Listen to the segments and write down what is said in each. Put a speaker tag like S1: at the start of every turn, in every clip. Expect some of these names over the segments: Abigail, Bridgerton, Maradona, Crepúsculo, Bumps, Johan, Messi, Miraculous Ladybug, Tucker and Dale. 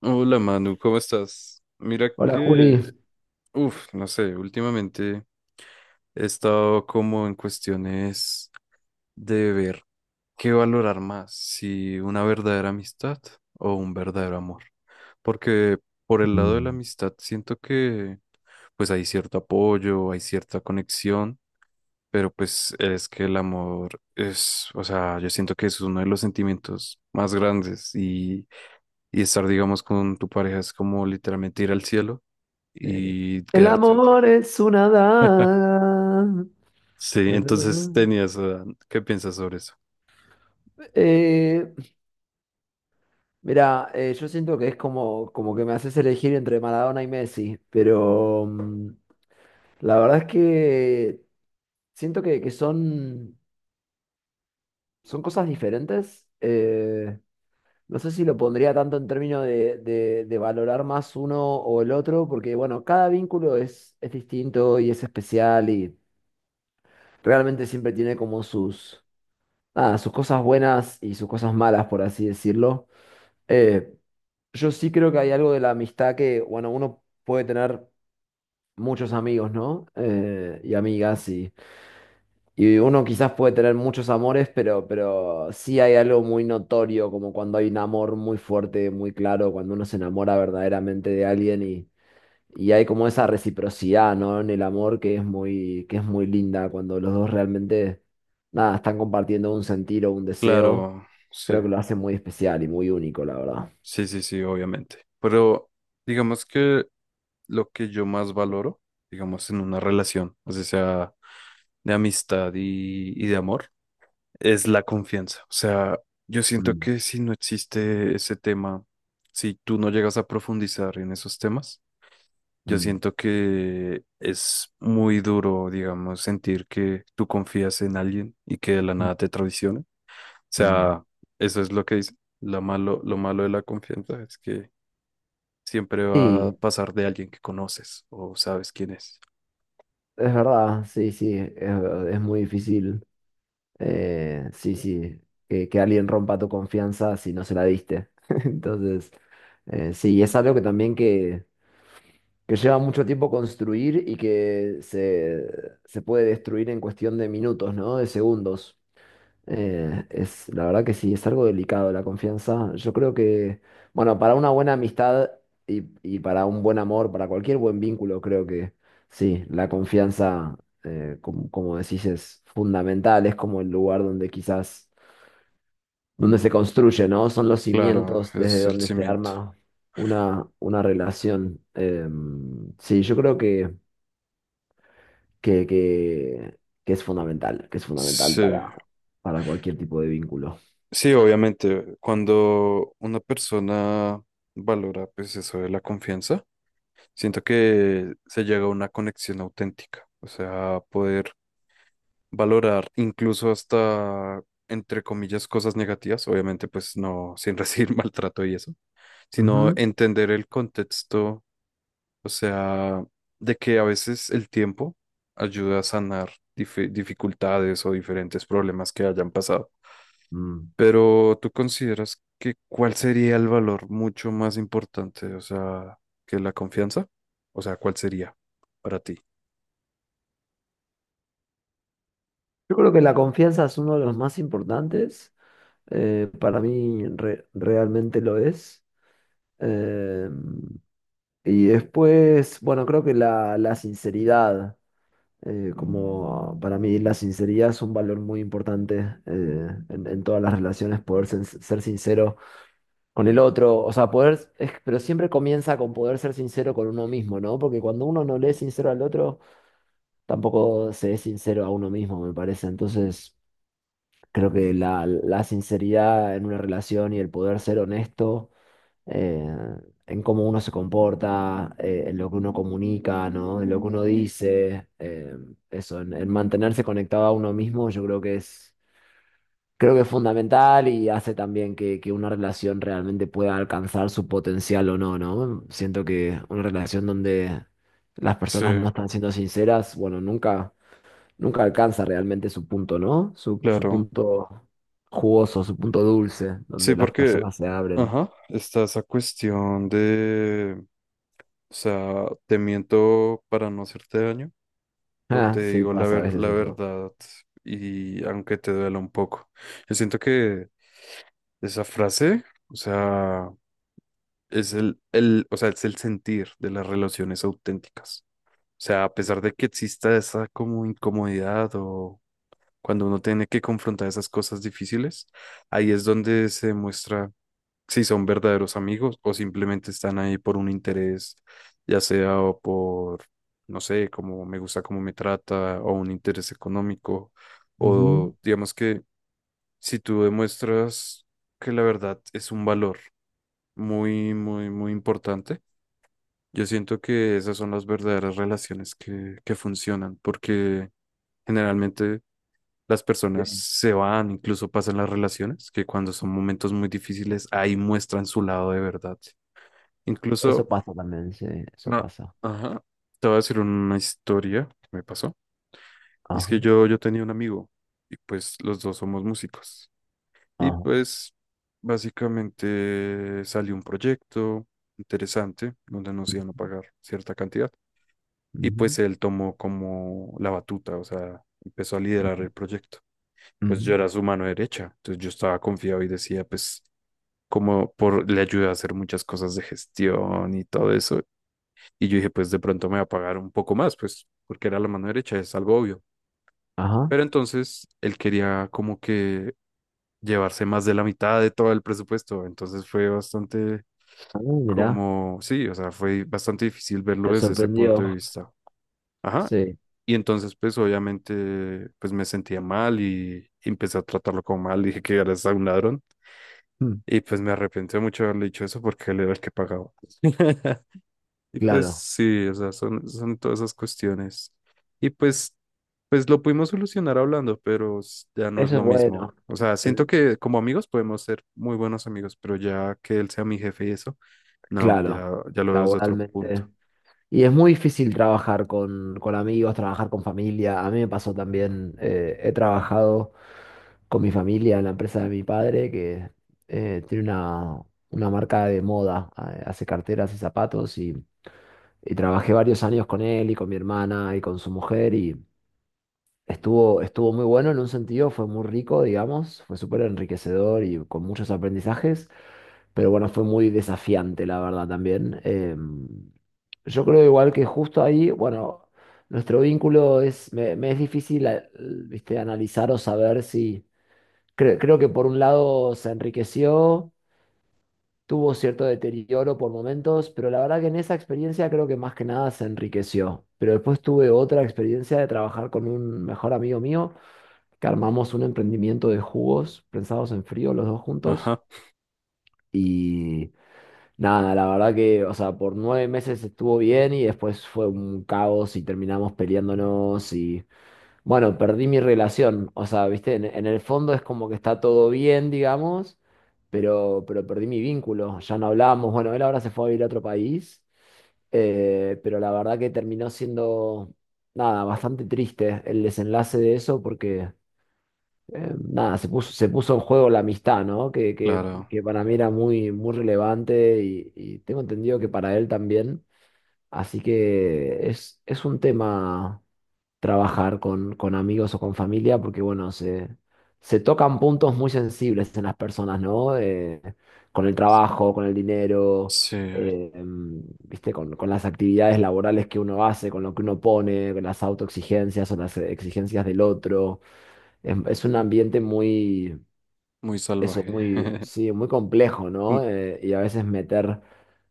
S1: Hola Manu, ¿cómo estás? Mira
S2: Hola
S1: que,
S2: Juli.
S1: uff, no sé, últimamente he estado como en cuestiones de ver qué valorar más, si una verdadera amistad o un verdadero amor. Porque por el lado de la
S2: Mm.
S1: amistad siento que pues hay cierto apoyo, hay cierta conexión, pero pues es que el amor es, o sea, yo siento que es uno de los sentimientos más grandes y, estar, digamos, con tu pareja es como literalmente ir al cielo
S2: Eh,
S1: y
S2: el
S1: quedarte un tiempo.
S2: amor es una daga.
S1: Sí, entonces tenías, ¿qué piensas sobre eso?
S2: Eh, yo siento que es como, como que me haces elegir entre Maradona y Messi, pero la verdad es que siento que son, son cosas diferentes. No sé si lo pondría tanto en términos de valorar más uno o el otro, porque bueno, cada vínculo es distinto y es especial y realmente siempre tiene como sus nada, sus cosas buenas y sus cosas malas, por así decirlo. Eh, yo sí creo que hay algo de la amistad que, bueno, uno puede tener muchos amigos, ¿no? Y amigas, y uno quizás puede tener muchos amores, pero sí hay algo muy notorio, como cuando hay un amor muy fuerte, muy claro, cuando uno se enamora verdaderamente de alguien y... Y hay como esa reciprocidad, ¿no? En el amor que es muy linda cuando los dos realmente, nada, están compartiendo un sentir o un deseo.
S1: Claro, sí,
S2: Creo que lo hace muy especial y muy único, la verdad.
S1: sí, sí, sí, obviamente. Pero digamos que lo que yo más valoro, digamos, en una relación, así sea de amistad y de amor, es la confianza. O sea, yo siento
S2: Mm,
S1: que si no existe ese tema, si tú no llegas a profundizar en esos temas, yo
S2: mm,
S1: siento que es muy duro, digamos, sentir que tú confías en alguien y que de la
S2: mm,
S1: nada te traiciona. O
S2: mm.
S1: sea, eso es lo que dice. Lo malo de la confianza es que siempre va a
S2: Sí,
S1: pasar de alguien que conoces o sabes quién es.
S2: es verdad, sí, sí, es muy difícil. Sí, sí, que alguien rompa tu confianza si no se la diste. Entonces, sí, es algo que también que lleva mucho tiempo construir y que se puede destruir en cuestión de minutos, ¿no? De segundos. Es, la verdad que sí, es algo delicado la confianza. Yo creo que, bueno, para una buena amistad y para un buen amor, para cualquier buen vínculo, creo que sí, la confianza como, como decís, es fundamental, es como el lugar donde quizás, donde se construye, ¿no? Son los
S1: Claro,
S2: cimientos desde
S1: es el
S2: donde se
S1: cimiento.
S2: arma una relación. Sí, yo creo que, que es fundamental, que es fundamental
S1: Sí,
S2: para cualquier tipo de vínculo.
S1: sí, obviamente, cuando una persona valora, pues eso de la confianza, siento que se llega a una conexión auténtica. O sea, poder valorar incluso hasta, entre comillas, cosas negativas, obviamente pues no sin recibir maltrato y eso, sino
S2: Ujú.
S1: entender el contexto, o sea, de que a veces el tiempo ayuda a sanar dificultades o diferentes problemas que hayan pasado.
S2: Mm.
S1: Pero ¿tú consideras que cuál sería el valor mucho más importante, o sea, que la confianza? O sea, ¿cuál sería para ti?
S2: Yo creo que la confianza es uno de los más importantes, para mí re- realmente lo es. Eh, y después, bueno, creo que la sinceridad, como para mí la sinceridad es un valor muy importante en todas las relaciones, poder sen- ser sincero con el otro, o sea, poder, es- pero siempre comienza con poder ser sincero con uno mismo, ¿no? Porque cuando uno no le es sincero al otro, tampoco se es sincero a uno mismo, me parece. Entonces, creo que la sinceridad en una relación y el poder ser honesto eh, en cómo uno se comporta, en lo que uno comunica, ¿no? En lo que uno dice, eso, en mantenerse conectado a uno mismo, yo creo que es fundamental y hace también que una relación realmente pueda alcanzar su potencial o no, ¿no? Siento que una relación donde las
S1: Sí,
S2: personas no están siendo sinceras, bueno, nunca, nunca alcanza realmente su punto, ¿no? Su
S1: claro.
S2: punto jugoso, su punto dulce,
S1: Sí,
S2: donde las
S1: porque,
S2: personas se abren.
S1: ajá, está esa cuestión de, o sea, te miento para no hacerte daño o
S2: Ah,
S1: te
S2: sí,
S1: digo la
S2: pasa a veces
S1: la
S2: eso.
S1: verdad y aunque te duela un poco. Yo siento que esa frase, o sea, es el, o sea, es el sentir de las relaciones auténticas. O sea, a pesar de que exista esa como incomodidad o cuando uno tiene que confrontar esas cosas difíciles, ahí es donde se muestra si son verdaderos amigos o simplemente están ahí por un interés, ya sea o por, no sé, como me gusta cómo me trata o un interés económico,
S2: Ujú,
S1: o digamos que si tú demuestras que la verdad es un valor muy, muy, muy importante, yo siento que esas son las verdaderas relaciones que funcionan, porque generalmente... Las personas
S2: sí.
S1: se van, incluso pasan las relaciones, que cuando son momentos muy difíciles, ahí muestran su lado de verdad.
S2: Eso
S1: Incluso,
S2: pasa también, sí, eso
S1: no,
S2: pasa.
S1: ajá, te voy a decir una historia que me pasó. Y es
S2: Ajá,
S1: que yo tenía un amigo y pues los dos somos músicos. Y
S2: ajá,
S1: pues básicamente salió un proyecto interesante donde nos iban a pagar cierta cantidad. Y
S2: ujú,
S1: pues él tomó como la batuta, o sea, empezó a liderar
S2: ujú,
S1: el proyecto. Pues
S2: ujú,
S1: yo era su mano derecha, entonces yo estaba confiado y decía, pues como por le ayuda a hacer muchas cosas de gestión y todo eso. Y yo dije, pues de pronto me va a pagar un poco más, pues porque era la mano derecha, es algo obvio.
S2: ajá.
S1: Pero entonces él quería como que llevarse más de la mitad de todo el presupuesto. Entonces fue bastante
S2: Ah, mirá,
S1: como, sí, o sea, fue bastante difícil verlo
S2: te
S1: desde ese punto de
S2: sorprendió.
S1: vista. Ajá.
S2: Sí,
S1: Y entonces pues obviamente pues me sentía mal y empecé a tratarlo como mal. Dije que eres un ladrón.
S2: mm,
S1: Y pues me arrepentí mucho de haberle dicho eso porque él era el que pagaba. Y pues
S2: claro.
S1: sí, o sea, son, son todas esas cuestiones. Y pues pues lo pudimos solucionar hablando, pero ya no es
S2: Eso es
S1: lo mismo.
S2: bueno.
S1: O sea, siento
S2: El-
S1: que como amigos podemos ser muy buenos amigos, pero ya que él sea mi jefe y eso, no,
S2: claro,
S1: ya, ya lo veo desde otro punto.
S2: laboralmente. Y es muy difícil trabajar con amigos, trabajar con familia. A mí me pasó también, he trabajado con mi familia en la empresa de mi padre, que tiene una marca de moda, hace carteras y zapatos. Y trabajé varios años con él y con mi hermana y con su mujer y estuvo, estuvo muy bueno en un sentido, fue muy rico, digamos, fue súper enriquecedor y con muchos aprendizajes, pero bueno, fue muy desafiante, la verdad, también. Yo creo igual que justo ahí, bueno, nuestro vínculo es, me es difícil, viste, analizar o saber si, cre- creo que por un lado se enriqueció, tuvo cierto deterioro por momentos, pero la verdad que en esa experiencia creo que más que nada se enriqueció. Pero después tuve otra experiencia de trabajar con un mejor amigo mío, que armamos un emprendimiento de jugos prensados en frío los dos juntos.
S1: Ajá,
S2: Y nada, la verdad que, o sea, por 9 meses estuvo bien y después fue un caos y terminamos peleándonos y bueno, perdí mi relación. O sea, viste, en el fondo es como que está todo bien, digamos, pero perdí mi vínculo. Ya no hablábamos. Bueno, él ahora se fue a vivir a otro país, pero la verdad que terminó siendo, nada, bastante triste el desenlace de eso porque, nada, se puso en juego la amistad, ¿no?
S1: claro.
S2: Que para mí era muy, muy relevante y tengo entendido que para él también. Así que es un tema trabajar con amigos o con familia, porque bueno, se tocan puntos muy sensibles en las personas, ¿no? Con el trabajo, con el dinero,
S1: Sí,
S2: ¿viste? Con las actividades laborales que uno hace, con lo que uno pone, con las autoexigencias o las exigencias del otro. Es un ambiente muy
S1: muy
S2: eso
S1: salvaje.
S2: muy, sí, muy complejo,
S1: Mm,
S2: ¿no? Y a veces meter,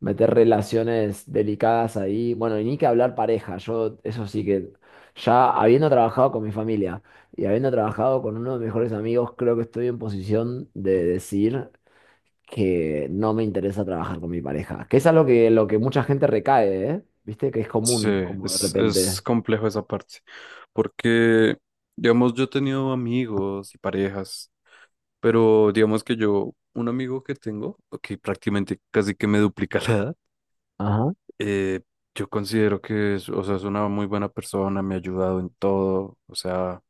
S2: meter relaciones delicadas ahí. Bueno, y ni que hablar pareja. Yo, eso sí que, ya habiendo trabajado con mi familia y habiendo trabajado con uno de mis mejores amigos, creo que estoy en posición de decir que no me interesa trabajar con mi pareja. Que es algo que, lo que mucha gente recae, ¿eh? ¿Viste? Que es
S1: sí,
S2: común, como de
S1: es
S2: repente.
S1: complejo esa parte, porque, digamos, yo he tenido amigos y parejas, pero digamos que yo, un amigo que tengo, que prácticamente casi que me duplica la edad,
S2: Ajá,
S1: Eh, yo considero que es, o sea, es una muy buena persona, me ha ayudado en todo, o sea,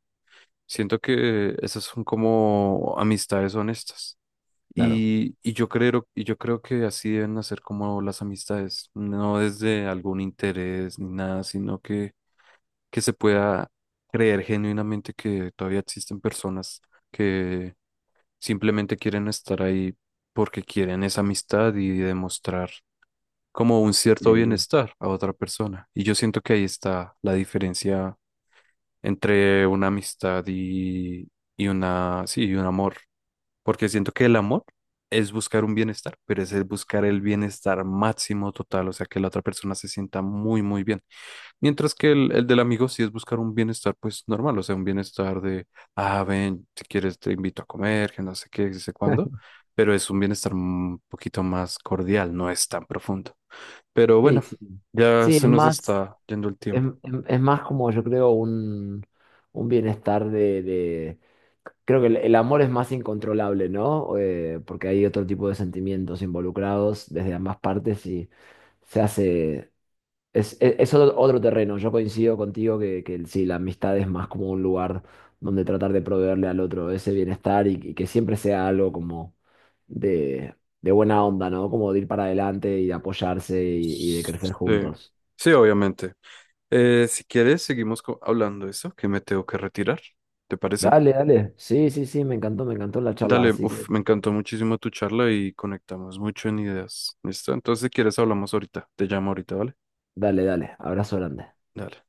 S1: siento que esas son como amistades honestas.
S2: claro.
S1: Y yo creo, y yo creo que así deben hacer como las amistades, no desde algún interés ni nada, sino que se pueda creer genuinamente que todavía existen personas que simplemente quieren estar ahí porque quieren esa amistad y demostrar como un cierto
S2: Sí.
S1: bienestar a otra persona. Y yo siento que ahí está la diferencia entre una amistad y una, sí, y un amor. Porque siento que el amor es buscar un bienestar, pero es el buscar el bienestar máximo total, o sea, que la otra persona se sienta muy, muy bien. Mientras que el del amigo sí es buscar un bienestar, pues normal, o sea, un bienestar de, ah, ven, si quieres te invito a comer, que no sé qué, que no sé cuándo, pero es un bienestar un poquito más cordial, no es tan profundo. Pero
S2: Sí,
S1: bueno,
S2: sí.
S1: ya
S2: Sí, es
S1: se nos
S2: más.
S1: está yendo el tiempo.
S2: Es más como yo creo un bienestar de- Creo que el amor es más incontrolable, ¿no? Porque hay otro tipo de sentimientos involucrados desde ambas partes y se hace... es otro, otro terreno. Yo coincido contigo que el- sí, la amistad es más como un lugar donde tratar de proveerle al otro ese bienestar y que siempre sea algo como de, de buena onda, ¿no? Como de ir para adelante y de apoyarse y de crecer
S1: Sí,
S2: juntos.
S1: sí, obviamente. Si quieres, seguimos hablando de eso, que me tengo que retirar. ¿Te parece?
S2: Dale, dale. Sí, sí, sí, me encantó la charla,
S1: Dale,
S2: así que
S1: uf, me encantó muchísimo tu charla y conectamos mucho en ideas. ¿Listo? Entonces, si quieres, hablamos ahorita. Te llamo ahorita, ¿vale?
S2: dale, dale. Abrazo grande.
S1: Dale.